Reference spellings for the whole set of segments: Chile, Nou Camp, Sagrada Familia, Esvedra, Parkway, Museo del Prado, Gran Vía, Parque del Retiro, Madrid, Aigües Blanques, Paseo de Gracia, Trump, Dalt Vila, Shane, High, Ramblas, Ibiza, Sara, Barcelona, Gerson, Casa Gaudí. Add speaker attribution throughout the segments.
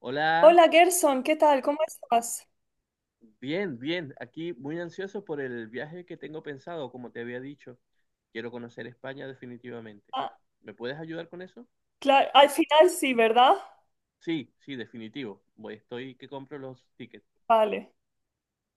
Speaker 1: Hola,
Speaker 2: Hola Gerson, ¿qué tal? ¿Cómo estás?
Speaker 1: bien. Aquí muy ansioso por el viaje que tengo pensado, como te había dicho. Quiero conocer España definitivamente.
Speaker 2: Ah,
Speaker 1: ¿Me puedes ayudar con eso?
Speaker 2: claro, al final sí, ¿verdad?
Speaker 1: Sí, sí, definitivo. Voy, estoy que compro los tickets,
Speaker 2: Vale.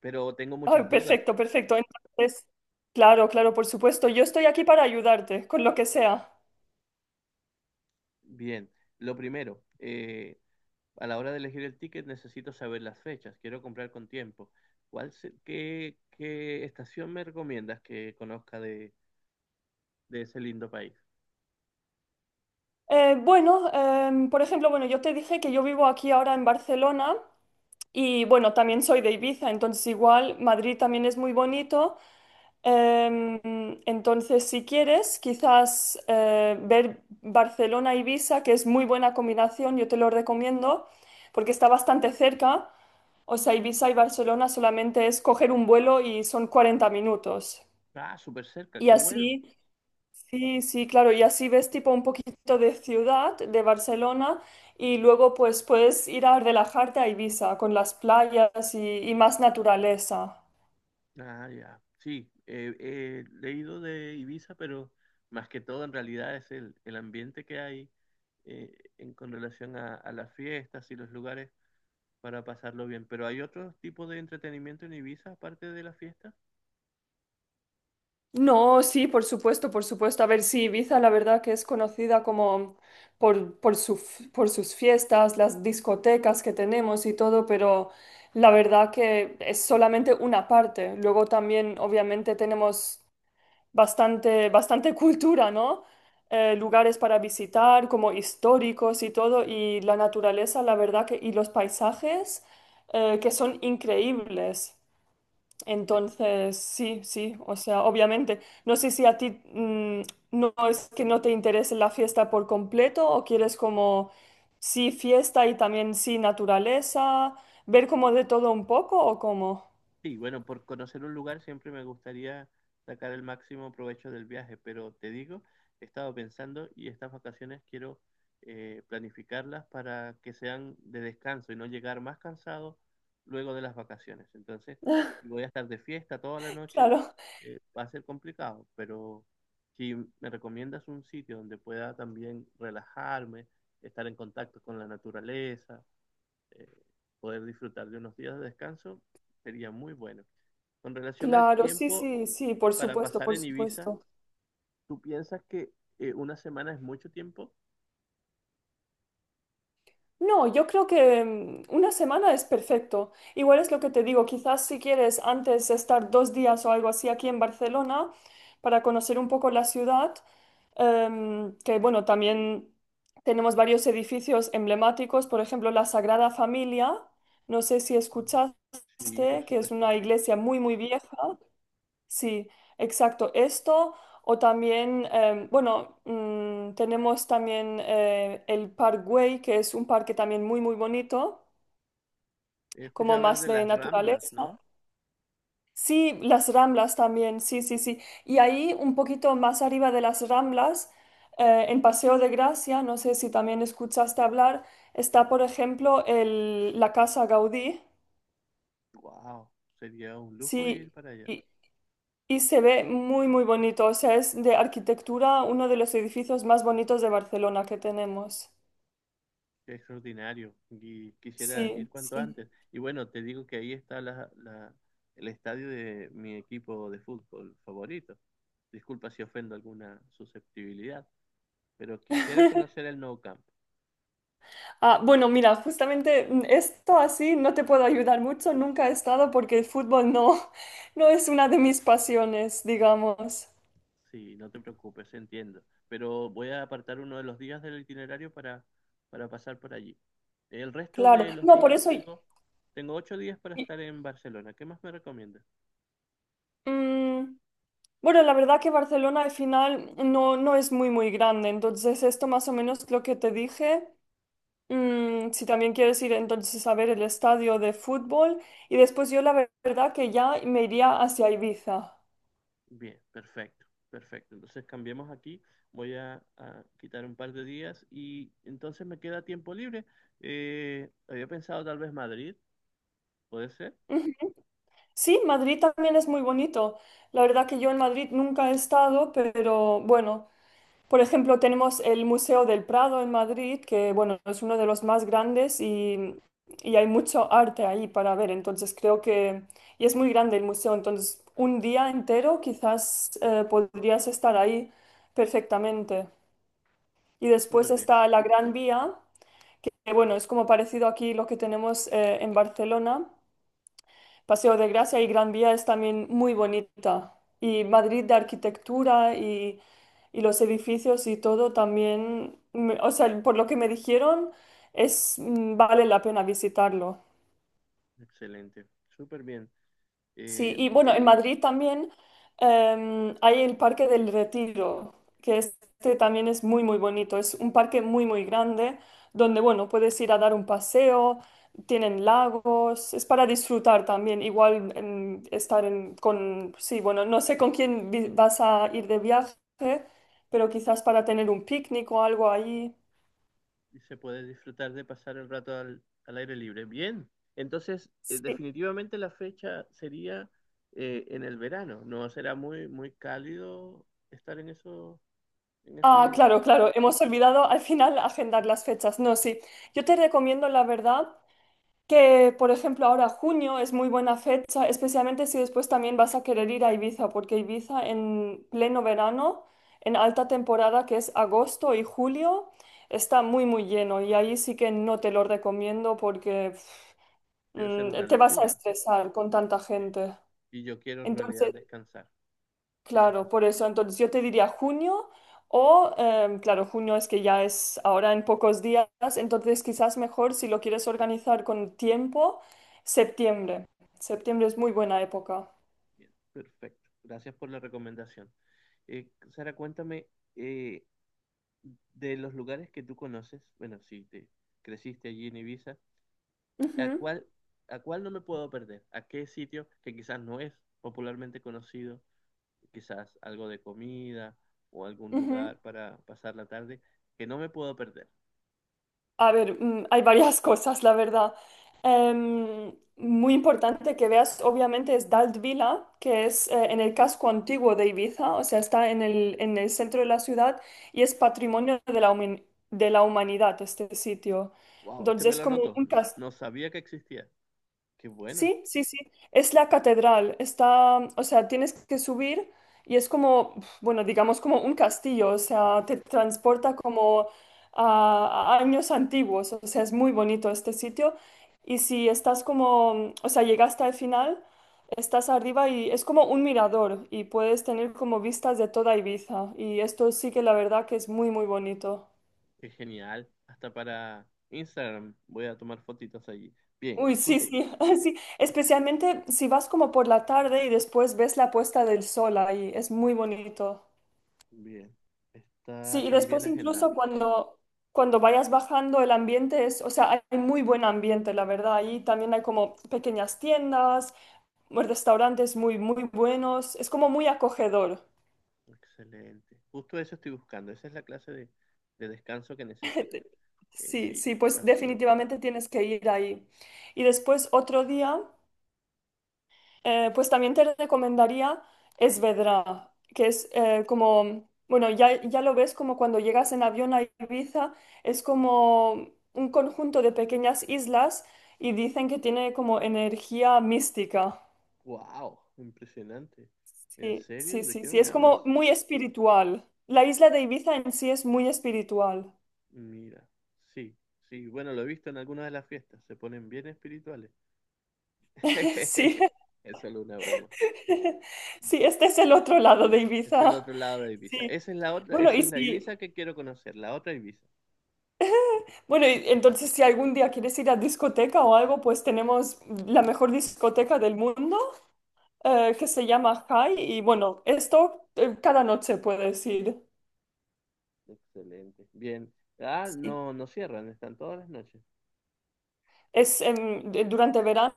Speaker 1: pero tengo
Speaker 2: Ay,
Speaker 1: muchas dudas.
Speaker 2: perfecto, perfecto. Entonces, claro, claro, por supuesto. Yo estoy aquí para ayudarte con lo que sea.
Speaker 1: Bien, lo primero, a la hora de elegir el ticket necesito saber las fechas. Quiero comprar con tiempo. ¿ Qué estación me recomiendas que conozca de ese lindo país?
Speaker 2: Bueno, por ejemplo, bueno, yo te dije que yo vivo aquí ahora en Barcelona y bueno, también soy de Ibiza, entonces igual Madrid también es muy bonito. Em, entonces, si quieres, quizás ver Barcelona-Ibiza, que es muy buena combinación, yo te lo recomiendo, porque está bastante cerca. O sea, Ibiza y Barcelona solamente es coger un vuelo y son 40 minutos.
Speaker 1: Ah, súper cerca,
Speaker 2: Y
Speaker 1: qué bueno.
Speaker 2: así, sí, sí, claro, y así ves tipo un poquito de ciudad, de Barcelona, y luego pues puedes ir a relajarte a Ibiza con las playas y más naturaleza.
Speaker 1: Ah, ya. Sí, leído de Ibiza, pero más que todo en realidad es el ambiente que hay con relación a las fiestas y los lugares para pasarlo bien. Pero hay otro tipo de entretenimiento en Ibiza aparte de las fiestas.
Speaker 2: No, sí, por supuesto, por supuesto. A ver, sí, Ibiza la verdad que es conocida como por sus fiestas, las discotecas que tenemos y todo, pero la verdad que es solamente una parte. Luego también, obviamente, tenemos bastante, bastante cultura, ¿no? Lugares para visitar, como históricos y todo, y la naturaleza, la verdad que, y los paisajes, que son increíbles. Entonces, sí, sí, o sea, obviamente. No sé si a ti no es que no te interese la fiesta por completo o quieres como sí fiesta y también sí naturaleza, ver como de todo un poco o cómo.
Speaker 1: Sí, bueno, por conocer un lugar siempre me gustaría sacar el máximo provecho del viaje, pero te digo, he estado pensando y estas vacaciones quiero planificarlas para que sean de descanso y no llegar más cansado luego de las vacaciones. Entonces, si voy a estar de fiesta toda la noche,
Speaker 2: Claro,
Speaker 1: va a ser complicado, pero si me recomiendas un sitio donde pueda también relajarme, estar en contacto con la naturaleza, eh, poder disfrutar de unos días de descanso, sería muy bueno. Con relación al
Speaker 2: claro, sí,
Speaker 1: tiempo
Speaker 2: sí, sí, por
Speaker 1: para
Speaker 2: supuesto,
Speaker 1: pasar
Speaker 2: por
Speaker 1: en Ibiza,
Speaker 2: supuesto.
Speaker 1: ¿tú piensas que una semana es mucho tiempo?
Speaker 2: No, yo creo que una semana es perfecto. Igual es lo que te digo, quizás si quieres antes estar 2 días o algo así aquí en Barcelona para conocer un poco la ciudad, que bueno, también tenemos varios edificios emblemáticos, por ejemplo, la Sagrada Familia, no sé si
Speaker 1: Sí, por
Speaker 2: escuchaste, que es
Speaker 1: supuesto,
Speaker 2: una
Speaker 1: sí.
Speaker 2: iglesia muy, muy vieja. Sí, exacto. Esto o también, bueno, tenemos también el Parkway, que es un parque también muy, muy bonito,
Speaker 1: He
Speaker 2: como
Speaker 1: escuchado hablar
Speaker 2: más
Speaker 1: de
Speaker 2: de
Speaker 1: las Ramblas,
Speaker 2: naturaleza.
Speaker 1: ¿no?
Speaker 2: Sí, las Ramblas también, sí, sí, sí. Y ahí un poquito más arriba de las Ramblas, en Paseo de Gracia, no sé si también escuchaste hablar, está, por ejemplo, la Casa Gaudí.
Speaker 1: Wow, sería un lujo ir
Speaker 2: Sí,
Speaker 1: para allá.
Speaker 2: y- Y se ve muy, muy bonito. O sea, es de arquitectura uno de los edificios más bonitos de Barcelona que tenemos.
Speaker 1: Qué extraordinario. Y quisiera ir
Speaker 2: Sí,
Speaker 1: cuanto
Speaker 2: sí.
Speaker 1: antes. Y bueno, te digo que ahí está el estadio de mi equipo de fútbol favorito. Disculpa si ofendo alguna susceptibilidad, pero quisiera conocer el Nou Camp.
Speaker 2: Ah, bueno, mira, justamente esto así no te puedo ayudar mucho. Nunca he estado porque el fútbol no, no es una de mis pasiones, digamos.
Speaker 1: Sí, no te preocupes, entiendo. Pero voy a apartar uno de los días del itinerario para pasar por allí. El resto
Speaker 2: Claro.
Speaker 1: de los
Speaker 2: No, por
Speaker 1: días
Speaker 2: eso.
Speaker 1: tengo ocho días para
Speaker 2: Y,
Speaker 1: estar en Barcelona. ¿Qué más me recomiendas?
Speaker 2: mm, bueno, la verdad que Barcelona al final no, no es muy, muy grande. Entonces, esto más o menos lo que te dije. Si también quieres ir entonces a ver el estadio de fútbol y después yo verdad que ya me iría hacia Ibiza.
Speaker 1: Bien, perfecto, perfecto. Entonces cambiemos aquí. A quitar un par de días y entonces me queda tiempo libre. Había pensado tal vez Madrid, ¿puede ser?
Speaker 2: Sí, Madrid también es muy bonito. La verdad que yo en Madrid nunca he estado, pero bueno, por ejemplo tenemos el Museo del Prado en Madrid, que bueno, es uno de los más grandes y hay mucho arte ahí para ver. Entonces creo que, y es muy grande el museo, entonces un día entero quizás podrías estar ahí perfectamente. Y después
Speaker 1: Súper bien,
Speaker 2: está la Gran Vía, que bueno, es como parecido aquí lo que tenemos en Barcelona. Paseo de Gracia y Gran Vía es también muy bonita. Y Madrid de arquitectura y los edificios y todo también, o sea, por lo que me dijeron, es, vale la pena visitarlo.
Speaker 1: excelente, súper bien.
Speaker 2: Sí, y
Speaker 1: Em,
Speaker 2: bueno, en Madrid también hay el Parque del Retiro, que este también es muy, muy bonito. Es un parque muy, muy grande donde, bueno, puedes ir a dar un paseo, tienen lagos, es para disfrutar también, igual estar en, con, sí, bueno, no sé con quién vas a ir de viaje, pero quizás para tener un picnic o algo ahí.
Speaker 1: y se puede disfrutar de pasar el rato al aire libre. Bien, entonces
Speaker 2: Sí.
Speaker 1: definitivamente la fecha sería en el verano, ¿no? Será muy, muy cálido estar en en
Speaker 2: Ah,
Speaker 1: ese,
Speaker 2: claro, claro, hemos olvidado al final agendar las fechas. No, sí, yo te recomiendo, la verdad que, por ejemplo, ahora junio es muy buena fecha, especialmente si después también vas a querer ir a Ibiza, porque Ibiza en pleno verano, en alta temporada que es agosto y julio, está muy, muy lleno y ahí sí que no te lo recomiendo porque
Speaker 1: debe ser una
Speaker 2: te vas a
Speaker 1: locura.
Speaker 2: estresar con tanta
Speaker 1: Sí.
Speaker 2: gente.
Speaker 1: Y yo quiero en realidad
Speaker 2: Entonces,
Speaker 1: descansar, tienes
Speaker 2: claro, por
Speaker 1: razón.
Speaker 2: eso entonces yo te diría junio o, claro, junio es que ya es ahora en pocos días, entonces quizás mejor si lo quieres organizar con tiempo, septiembre. Septiembre es muy buena época.
Speaker 1: Bien, perfecto, gracias por la recomendación. Sara, cuéntame, eh, de los lugares que tú conoces, bueno, si te creciste allí en Ibiza, ¿A
Speaker 2: Ujú,
Speaker 1: cuál, ¿a cuál no me puedo perder? ¿A qué sitio que quizás no es popularmente conocido? Quizás algo de comida o algún
Speaker 2: ujú.
Speaker 1: lugar para pasar la tarde que no me puedo perder.
Speaker 2: A ver, hay varias cosas, la verdad. Muy importante que veas, obviamente, es Dalt Vila, que es en el casco antiguo de Ibiza, o sea, está en el, centro de la ciudad y es patrimonio de la humanidad este sitio.
Speaker 1: Wow, este me
Speaker 2: Entonces, es
Speaker 1: lo
Speaker 2: como
Speaker 1: anoto.
Speaker 2: un castillo.
Speaker 1: No sabía que existía. Qué bueno,
Speaker 2: Sí, sí, sí. Es la catedral. Está, o sea, tienes que subir y es como, bueno, digamos como un castillo. O sea, te transporta como a años antiguos. O sea, es muy bonito este sitio. Y si estás como, o sea, llegaste al final, estás arriba y es como un mirador y puedes tener como vistas de toda Ibiza. Y esto sí que la verdad que es muy, muy bonito.
Speaker 1: qué genial. Hasta para Instagram voy a tomar fotitos allí. Bien,
Speaker 2: Uy, sí,
Speaker 1: súper.
Speaker 2: sí, sí. Especialmente si vas como por la tarde y después ves la puesta del sol ahí, es muy bonito.
Speaker 1: Bien.
Speaker 2: Sí,
Speaker 1: Está
Speaker 2: y
Speaker 1: también
Speaker 2: después
Speaker 1: agendado.
Speaker 2: incluso cuando vayas bajando el ambiente es, o sea, hay muy buen ambiente, la verdad. Ahí también hay como pequeñas tiendas, restaurantes muy, muy buenos. Es como muy acogedor.
Speaker 1: Excelente. Justo eso estoy buscando. Esa es la clase de descanso que necesito.
Speaker 2: Sí,
Speaker 1: Sí,
Speaker 2: sí, pues
Speaker 1: vas,
Speaker 2: definitivamente tienes que ir ahí. Y después otro día. Pues también te recomendaría Esvedra, que es como, bueno, ya, ya lo ves como cuando llegas en avión a Ibiza, es como un conjunto de pequeñas islas y dicen que tiene como energía mística.
Speaker 1: wow, impresionante. ¿En
Speaker 2: Sí,
Speaker 1: serio?
Speaker 2: sí,
Speaker 1: ¿De
Speaker 2: sí,
Speaker 1: qué
Speaker 2: sí,
Speaker 1: me
Speaker 2: es como
Speaker 1: hablas?
Speaker 2: muy espiritual. La isla de Ibiza en sí es muy espiritual.
Speaker 1: Mira, sí, sí, bueno, lo he visto en algunas de las fiestas, se ponen bien espirituales.
Speaker 2: Sí,
Speaker 1: Es solo una broma.
Speaker 2: sí, este es el otro lado de
Speaker 1: Es el
Speaker 2: Ibiza.
Speaker 1: otro lado de Ibiza.
Speaker 2: Sí.
Speaker 1: Esa es la otra,
Speaker 2: Bueno,
Speaker 1: esa
Speaker 2: y
Speaker 1: es la
Speaker 2: si,
Speaker 1: Ibiza que quiero conocer, la otra Ibiza.
Speaker 2: Bueno, y entonces si algún día quieres ir a discoteca o algo, pues tenemos la mejor discoteca del mundo que se llama High y bueno, esto cada noche puedes ir.
Speaker 1: Excelente. Bien. Ah,
Speaker 2: Sí.
Speaker 1: no, no cierran, están todas las noches.
Speaker 2: Es durante verano,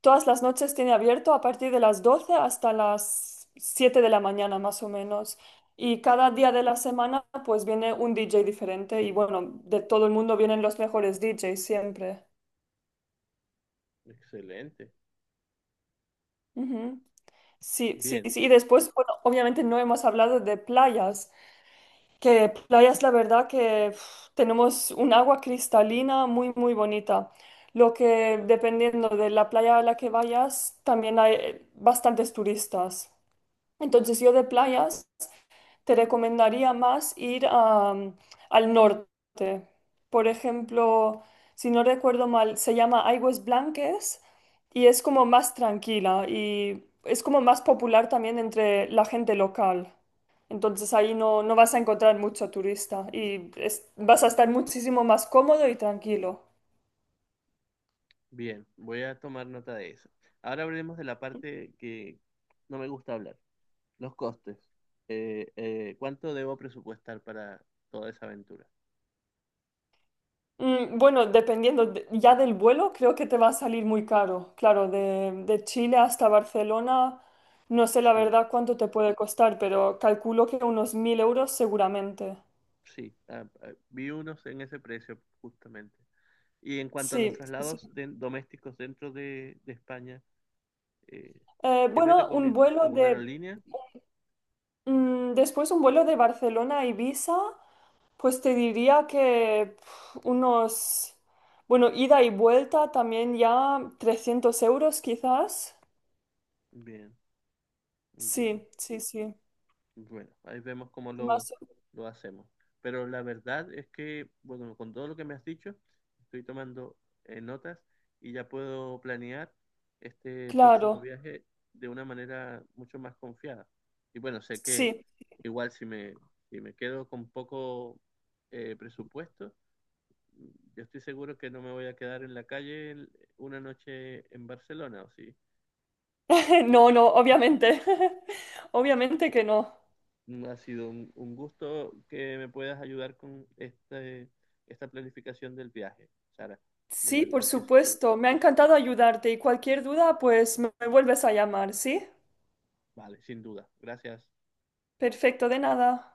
Speaker 2: todas las noches tiene abierto a partir de las 12 hasta las 7 de la mañana más o menos. Y cada día de la semana pues viene un DJ diferente y bueno, de todo el mundo vienen los mejores DJs siempre.
Speaker 1: Excelente.
Speaker 2: Ujú. Sí, sí,
Speaker 1: Bien,
Speaker 2: sí. Y después, bueno, obviamente no hemos hablado de playas, que playas, la verdad que uf, tenemos un agua cristalina muy, muy bonita. Lo que dependiendo de la playa a la que vayas, también hay bastantes turistas. Entonces yo de playas te recomendaría más ir al norte. Por ejemplo, si no recuerdo mal, se llama Aigües Blanques y es como más tranquila y es como más popular también entre la gente local. Entonces ahí no, no vas a encontrar mucho turista y vas a estar muchísimo más cómodo y tranquilo.
Speaker 1: bien. Voy a tomar nota de eso. Ahora hablemos de la parte que no me gusta hablar. Los costes. ¿Cuánto debo presupuestar para toda esa aventura?
Speaker 2: Bueno, dependiendo ya del vuelo, creo que te va a salir muy caro. Claro, de Chile hasta Barcelona, no sé la
Speaker 1: Sí,
Speaker 2: verdad cuánto te puede costar, pero calculo que unos 1.000 euros seguramente.
Speaker 1: sí. Vi unos en ese precio, justamente. Y en cuanto a los
Speaker 2: Sí, sí,
Speaker 1: traslados
Speaker 2: sí.
Speaker 1: domésticos dentro de España, eh, ¿qué me
Speaker 2: Bueno, un
Speaker 1: recomiendas?
Speaker 2: vuelo
Speaker 1: ¿Alguna
Speaker 2: de...
Speaker 1: aerolínea?
Speaker 2: mm, después un vuelo de Barcelona a Ibiza, pues te diría que bueno, ida y vuelta también ya 300 euros quizás.
Speaker 1: Bien, bien.
Speaker 2: Sí, sí, sí.
Speaker 1: Bueno, ahí vemos cómo
Speaker 2: Más,
Speaker 1: lo hacemos. Pero la verdad es que, bueno, con todo lo que me has dicho, estoy tomando notas y ya puedo planear este próximo
Speaker 2: claro,
Speaker 1: viaje de una manera mucho más confiada. Y bueno, sé que
Speaker 2: sí.
Speaker 1: igual si me quedo con poco presupuesto, yo estoy seguro que no me voy a quedar en la calle una noche en Barcelona, ¿o sí?
Speaker 2: No, no, obviamente. Obviamente que no.
Speaker 1: Ha sido un gusto que me puedas ayudar con esta planificación del viaje, Sara. De
Speaker 2: Sí, por
Speaker 1: verdad que sí.
Speaker 2: supuesto. Me ha encantado ayudarte y cualquier duda, pues me vuelves a llamar, ¿sí?
Speaker 1: Vale, sin duda. Gracias.
Speaker 2: Perfecto, de nada.